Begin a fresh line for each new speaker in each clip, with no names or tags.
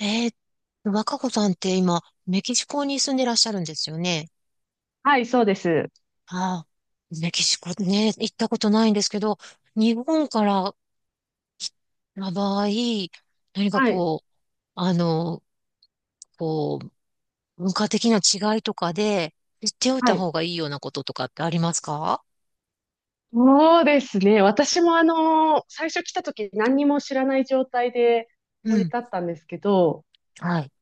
えー、若子さんって今、メキシコに住んでらっしゃるんですよね。
はい、そうです。
ああ、メキシコね、行ったことないんですけど、日本からの場合、何か
はい。
こう、あの、こう、文化的な違いとかで、知っておい
は
た
い。
方がいいようなこととかってありますか？
そうですね。私も最初来た時何にも知らない状態で
う
降り
ん。
立ったんですけど、
はい。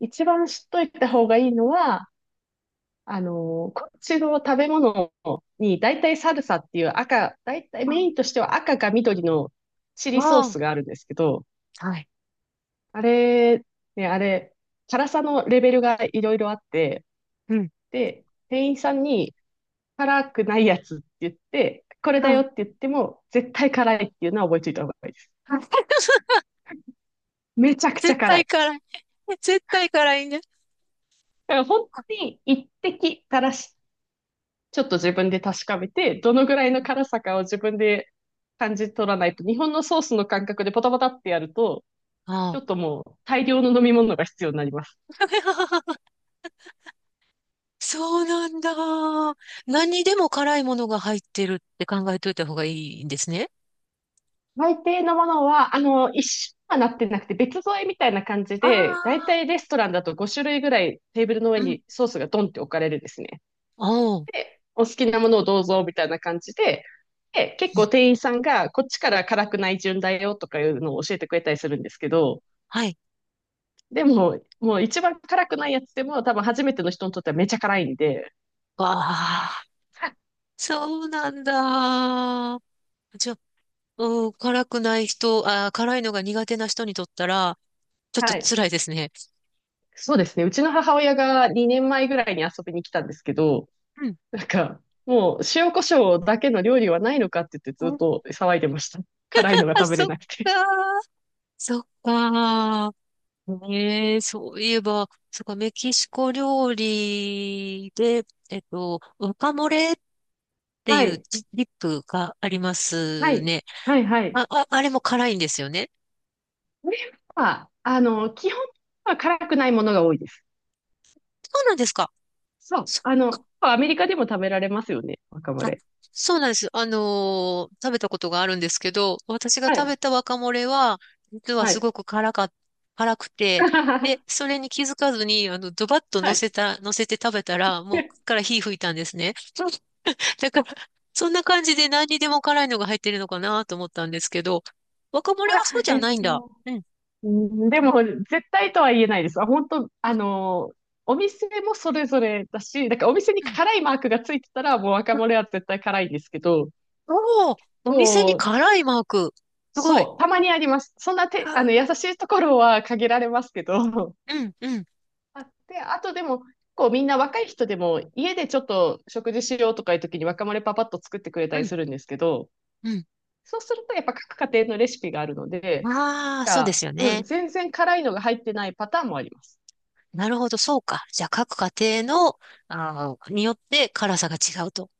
一番知っといた方がいいのは、あのこっちの食べ物に大体サルサっていう赤、大体メインとしては赤か緑のチリソー
あ
スがあるんですけど、
あ、はい。
あれ、ね、あれ、辛さのレベルがいろいろあって、
うん。
で、店員さんに、辛くないやつって言って、これ
う
だよ
ん。
って言っても、絶対辛いっていうのは覚えておいた方がいいです。めちゃくちゃ
絶
辛
対
い。
辛い。絶対辛いね。
だから本当に一滴垂らし、ちょっと自分で確かめて、どのぐらいの辛さかを自分で感じ取らないと、日本のソースの感覚でポタポタってやると、
あ
ちょっと
あ。
もう大量の飲み物が必要になります。
そうなんだ。何にでも辛いものが入ってるって考えといた方がいいんですね。
大抵のものは、一緒はなってなくて別添えみたいな感じ
あ
で、大
あ、
体レストランだと5種類ぐらいテーブルの上
うん。
にソースがドンって置かれるですね。
おう。う
で、お好きなものをどうぞみたいな感じで、で、結
ん。
構店員さんがこっちから辛くない順だよとかいうのを教えてくれたりするんですけど、
はい。
でも、もう一番辛くないやつでも多分初めての人にとってはめちゃ辛いんで、
わあ、そうなんだ。じゃあ、うん、辛くない人、あー、辛いのが苦手な人にとったら、ちょっと
はい。
辛いですね。
そうですね。うちの母親が2年前ぐらいに遊びに来たんですけど、
うん。
なんか、もう塩コショウだけの料理はないのかって言って
う
ずっ
ん。
と騒いでました。辛いのが
あ、
食べれ
そっ
なく
か
て。
ー。そっか。ねえ、そういえば、そっか、メキシコ料理で、ワカモレってい
は
う
い。
ディップがありま
は
す
い。
ね。
はい、はい。
あれも辛いんですよね。
これは、基本は辛くないものが多いです。
そうなんですか。
そう。
そ、
アメリカでも食べられますよね、若
あ、
丸レ。
そうなんです。食べたことがあるんですけど、私が
は
食べ
い。
たワカモレは、実は
は
す
い。
ごく辛か、辛くて、で、それに気づかずに、ドバッと
はい。
乗せて食べたら、もう、から火吹いたんですね。だから、そんな感じで何にでも辛いのが入ってるのかなと思ったんですけど、若森は
あ、
そうじゃないんだ。うん。
うんでも、絶対とは言えないです。あ本当、お店もそれぞれだし、だからお店に
うん。
辛いマークがついてたら、もう若丸レは絶対辛いんですけど、
おおー、お店に
こう、
辛いマーク。すごい。
そう、たまにあります。そんなて、
は。
優しいところは限られますけど、
うん、うん、
あって、あとでも、こうみんな若い人でも家でちょっと食事しようとかいう時に若丸パパッと作ってくれた
う
り
ん、
するんですけど、
うん。
そうするとやっぱ各家庭のレシピがあるので、
ああ、そうで
が、
すよ
うん、
ね。
全然辛いのが入ってないパターンもあります。
なるほど、そうか。じゃあ、各家庭の、あーによって辛さが違うと。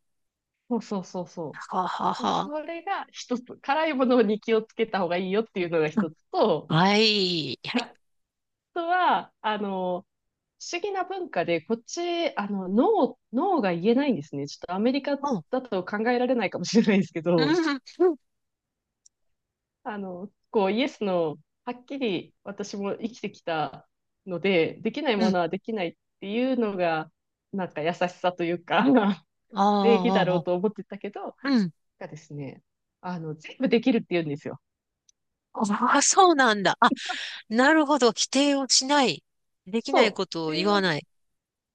そうそうそうそ
はあはあ
う。
は
それが一つ、辛いものに気をつけた方がいいよっていうのが
あ。う
一
ん。
つと、
はい。はい。
あとは、不思議な文化で、こっち、ノー、ノーが言えないんですね。ちょっとアメリカ
うん、
だと考えられないかもしれないですけ
う
ど、
ん、うん、
こう、イエスの、はっきり私も生きてきたので、できない
う
も
ん。
のはできないっていうのが、なんか優しさというか、
あー
礼儀だ
あー、
ろ
あ
う
ー
と思ってたけど、
うん。
がですね、全部できるって言うんですよ。
ああ、そうなんだ。あ、なるほど。否定をしない。できない
そ
こ
う。
と
っ
を
て
言
い
わ
う、
ない。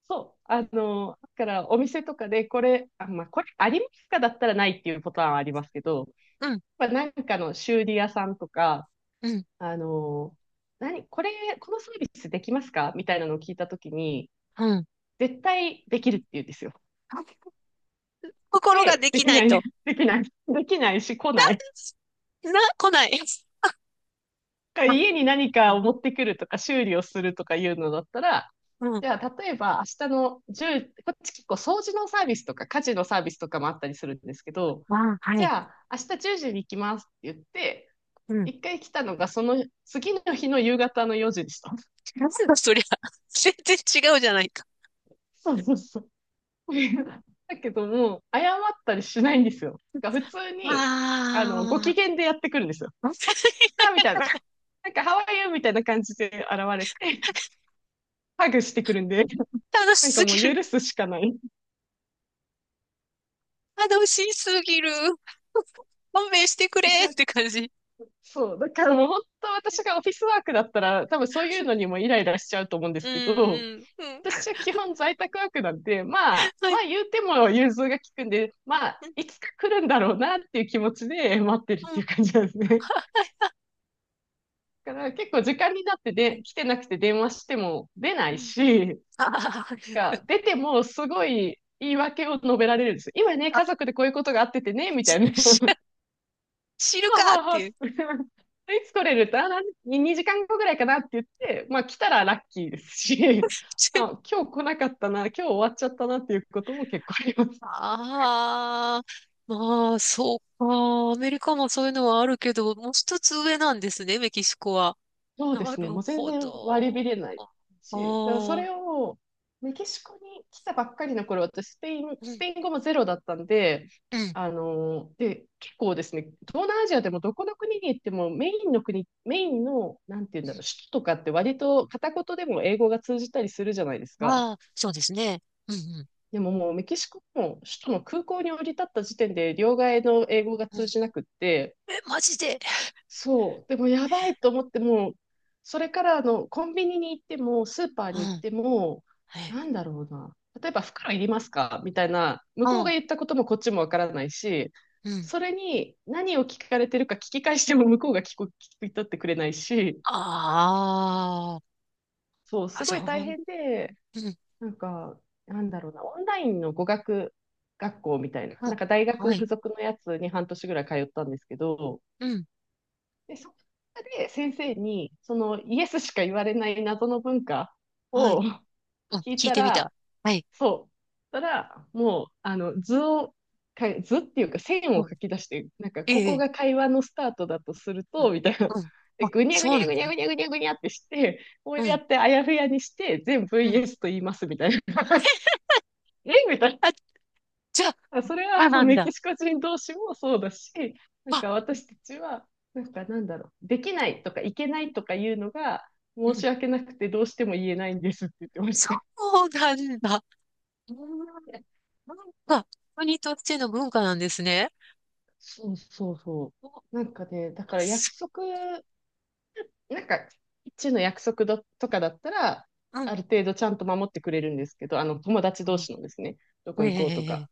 そう。だからお店とかで、これ、あ、まあ、これありますかだったらないっていうパターンはありますけど、
うん、
まあ、なんかの修理屋さんとか、
うん、
あの、何、これ、このサービスできますかみたいなのを聞いたときに、
うん。
絶対できるって言うんですよ。
心が
で、
で
で
き
き
な
な
い
い、
と。
できない、できないし来ない。
な、来ない。あ、
家に何
なる
かを
ほ
持
ど。
ってくるとか修理をするとかいうのだったら、
うん。
じゃあ、例えば明日の1こっち結構掃除のサービスとか家事のサービスとかもあったりするんですけど、
あ、は
じ
い。
ゃあ、明日10時に行きますって言って、
うん。
一回来たのがその次の日の夕方の4時でした。
なんだそりゃ。全然違うじゃないか。
そうそうそう。だけども、謝ったりしないんですよ。普通
あ
に、ご機
あ。
嫌でやってくるんですよ。ああみたいな、なんか、ハワイユーみたいな感じで現れて、ハグしてくるんで、
楽し
なんか
す
も
ぎ
う
る。
許すしかない。
楽しすぎる。勘弁してくれ
じゃ
って
あ
感じ。
そう、だからもう本当私がオフィスワークだったら、多分そういうのにもイライラしちゃうと思うんで
う
す
ん、
けど、
うん。
私は基本在宅ワークなんで、まあ、
は
まあ
い。
言うても融通が利くんで、まあ、
うん、
いつか来るんだろうなっていう気持ちで待ってるっ
うん。
ていう感じなんですね。
は。
だから結構時間になってで、来てなくて電話しても出ない
うん。
し、
ああ
が
ー。
出てもすごい言い訳を述べられるんですよ。今ね、家 族でこういうことがあっててね、みたいな。
知知る
は
かっ
はは
てい
は
う。
いつ来れるって、あ、なん2時間後ぐらいかなって言って、まあ来たらラッキーですし、あ、今日来なかったな、今日終わっちゃったなっていうことも結構あります。
ああ、まあ、そうか。アメリカもそういうのはあるけど、もう一つ上なんですね、メキシコは。
そうで
な
すね。
る
もう全
ほ
然割り切
ど。
れない
あ
し、だからそ
あ、う
れをメキシコに来たばっかりの頃、私スペイン、
ん、
スペイン語もゼロだったんで、
うん。
あので、結構ですね、東南アジアでもどこの国に行ってもメインの国、メインの、なんて言うんだろう、首都とかって割と片言でも英語が通じたりするじゃないですか。
ああ、そうですね。うん、う
でももうメキシコも首都の空港に降り立った時点で両替の英語が
うん。
通じなくって、
え、マジで。
そう。でもやばいと思っても、それからコンビニに行っても、スーパー
う
に行っ
ん、
ても、
はい。
なんだろうな。例えば袋いりますかみたいな、向こ
う
うが
ん、
言ったこともこっちもわからないし、
うん。
それに何を聞かれてるか聞き返しても向こうが聞く、聞き取ってくれないし、
あ
そう、
あ、あ、
す
じ
ご
ゃあ、
い大
ほん、
変で、
うん、
なんか、なんだろうな、オンラインの語学学校みたいな、
う
な
ん、
んか大学
は
付
い、
属のやつに半年ぐらい通ったんですけど、
うん、
で、そこで先生に、そのイエスしか言われない謎の文化
は
を
い。うん、
聞い
聞い
た
てみ
ら、
た。はい。
そう。たら、もう、図を、か図っていうか線
うん、
を書き出して、なんか、
え
こ
え、え
こ
え
が会話のスタートだとする
う
と、
ん、
みたいな。
うん
で、
あ、
ぐにゃぐ
そ
に
うな
ゃ
ん
ぐにゃ
だ。
ぐにゃぐにゃぐにゃってして、こう
う
や
ん、
ってあやふやにして、全部
う
イ
ん。
エスと言います、みたいな。えみたいな。
あ、じゃあ、
あそれ
そ
は
う
あの
なん
メキ
だ。
シコ人同士もそうだし、なん
あ、
か私たちは、なんかなんだろう、できないとかいけないとかいうのが
う
申
ん。
し訳なくてどうしても言えないんですって言ってまし
そ
た。
うなんだ。うん。なんか、国としての文化なんですね。
そうそうそ
お。
う。なんかね、だから約
す。
束、なんか、一の約束どとかだったら、
うん。
ある程度ちゃんと守ってくれるんですけど、友達同
う
士のですね、どこ
ん。え
行こうとか。
え。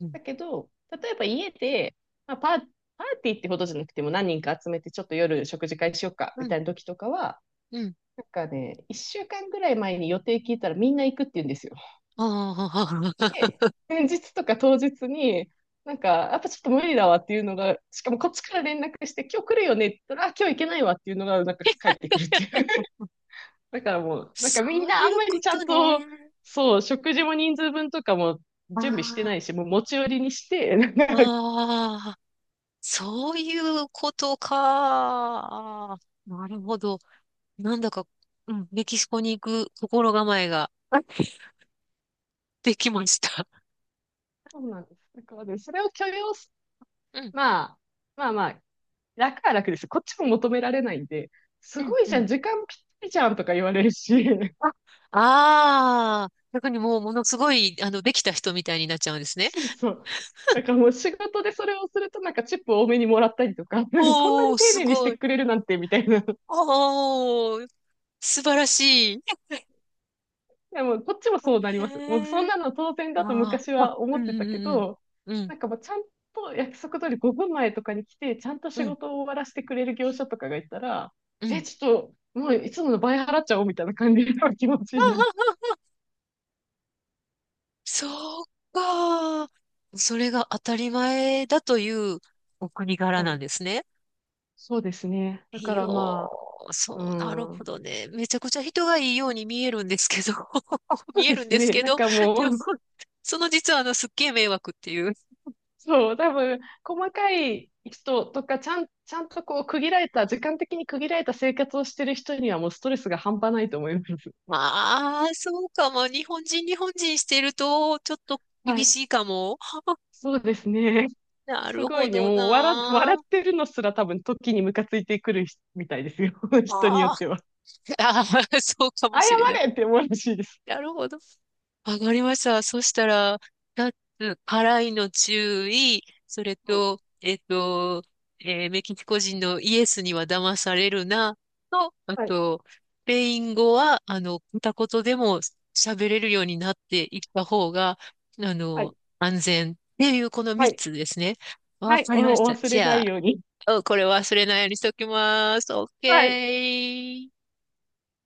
うん。
だけど、例えば家で、まあ、パーティーってほどじゃなくても何人か集めてちょっと夜食事会しようか
う
み
ん。
たいな時とかは、
うん。
なんかね、1週間ぐらい前に予定聞いたらみんな行くって言うんですよ。
ああ、
で、前日とか当日に、なんか、やっぱちょっと無理だわっていうのが、しかもこっちから連絡して、今日来るよねって言ったら、あ、今日行けないわっていうのが、なんか帰ってくるっていう。だからもう、なん
そ
かみん
う
なあ
い
ん
う
ま
こ
りちゃん
と
と、
ね。
そう、食事も人数分とかも準備してない
あ
し、もう持ち寄りにして、なんか
あ、ああ、そういうことか。あーなるほど。なんだか、うん、メキシコに行く心構えが できました。
そうなんです。だからね、それを許容す、
うん、
まあ、まあまあ、楽は楽ですよ。こっちも求められないんで、
う
す
ん、
ごい
う
じゃ
ん。
ん、時間ぴったりじゃんとか言われるし、
あああー、逆にもうものすごい、あの、できた人みたいになっちゃうんですね。
そうそう。だからもう仕事でそれをするとなんかチップ多めにもらったりとか、こんなに
おー、
丁
す
寧にし
ご
て
い。
くれるなんてみたいな。
おー、素晴らしい。
でも、こっちもそうなります。もう、そ
へ
ん
え。
なの当然だと
あ
昔
ーあ、
は思
う
っ
んう
てたけ
ん
ど、
うんうん。
なんかもう、ちゃんと約束通り5分前とかに来て、ちゃんと
うん
仕
うん
事を終わらせてくれる業者とかがいたら、
う
え、
ん。
ちょっと、もういつもの倍払っちゃおうみたいな感じの気持ちになる。
あああそうか。それが当たり前だというお国柄
は
なん
い。
ですね。
そうですね。だか
いやー、
らまあ、う
そう、なるほ
ん。
どね。めちゃくちゃ人がいいように見えるんですけど、
そう
見え
で
るん
す
です
ね。
け
なん
ど、
かも
でも、
う、
その実はあの、すっげえ迷惑っていう。
そう、多分、細かい人とか、ちゃんとこう、区切られた、時間的に区切られた生活をしてる人には、もうストレスが半端ないと思います。
まあ、そうかも。日本人してると、ちょっと
は
厳
い。
しいかも。
そうですね。
な
す
る
ご
ほ
いね。
ど
もう笑、笑
な。
ってるのすら多分時にムカついてくる人みたいですよ。
ま
人によ
あ、
っては。
あー、そうかも
謝
しれない。
れって思うらしいです。
なるほど。わかりました。そしたら、二つ、辛いの注意、それ
はい、
と、えっと、えーメキシコ人のイエスには騙されるな、と、あ
はい、
と、スペイン語は、あの、片言でも喋れるようになっていった方が、あ
は
の、
い、
安全っていうこの
は
三
い、
つですね。わ
はい。
かりまし
お、お
た。
忘れ
じ
な
ゃ
いように。
あ、おこれ忘れないようにしときます。オッ
はい。
ケー。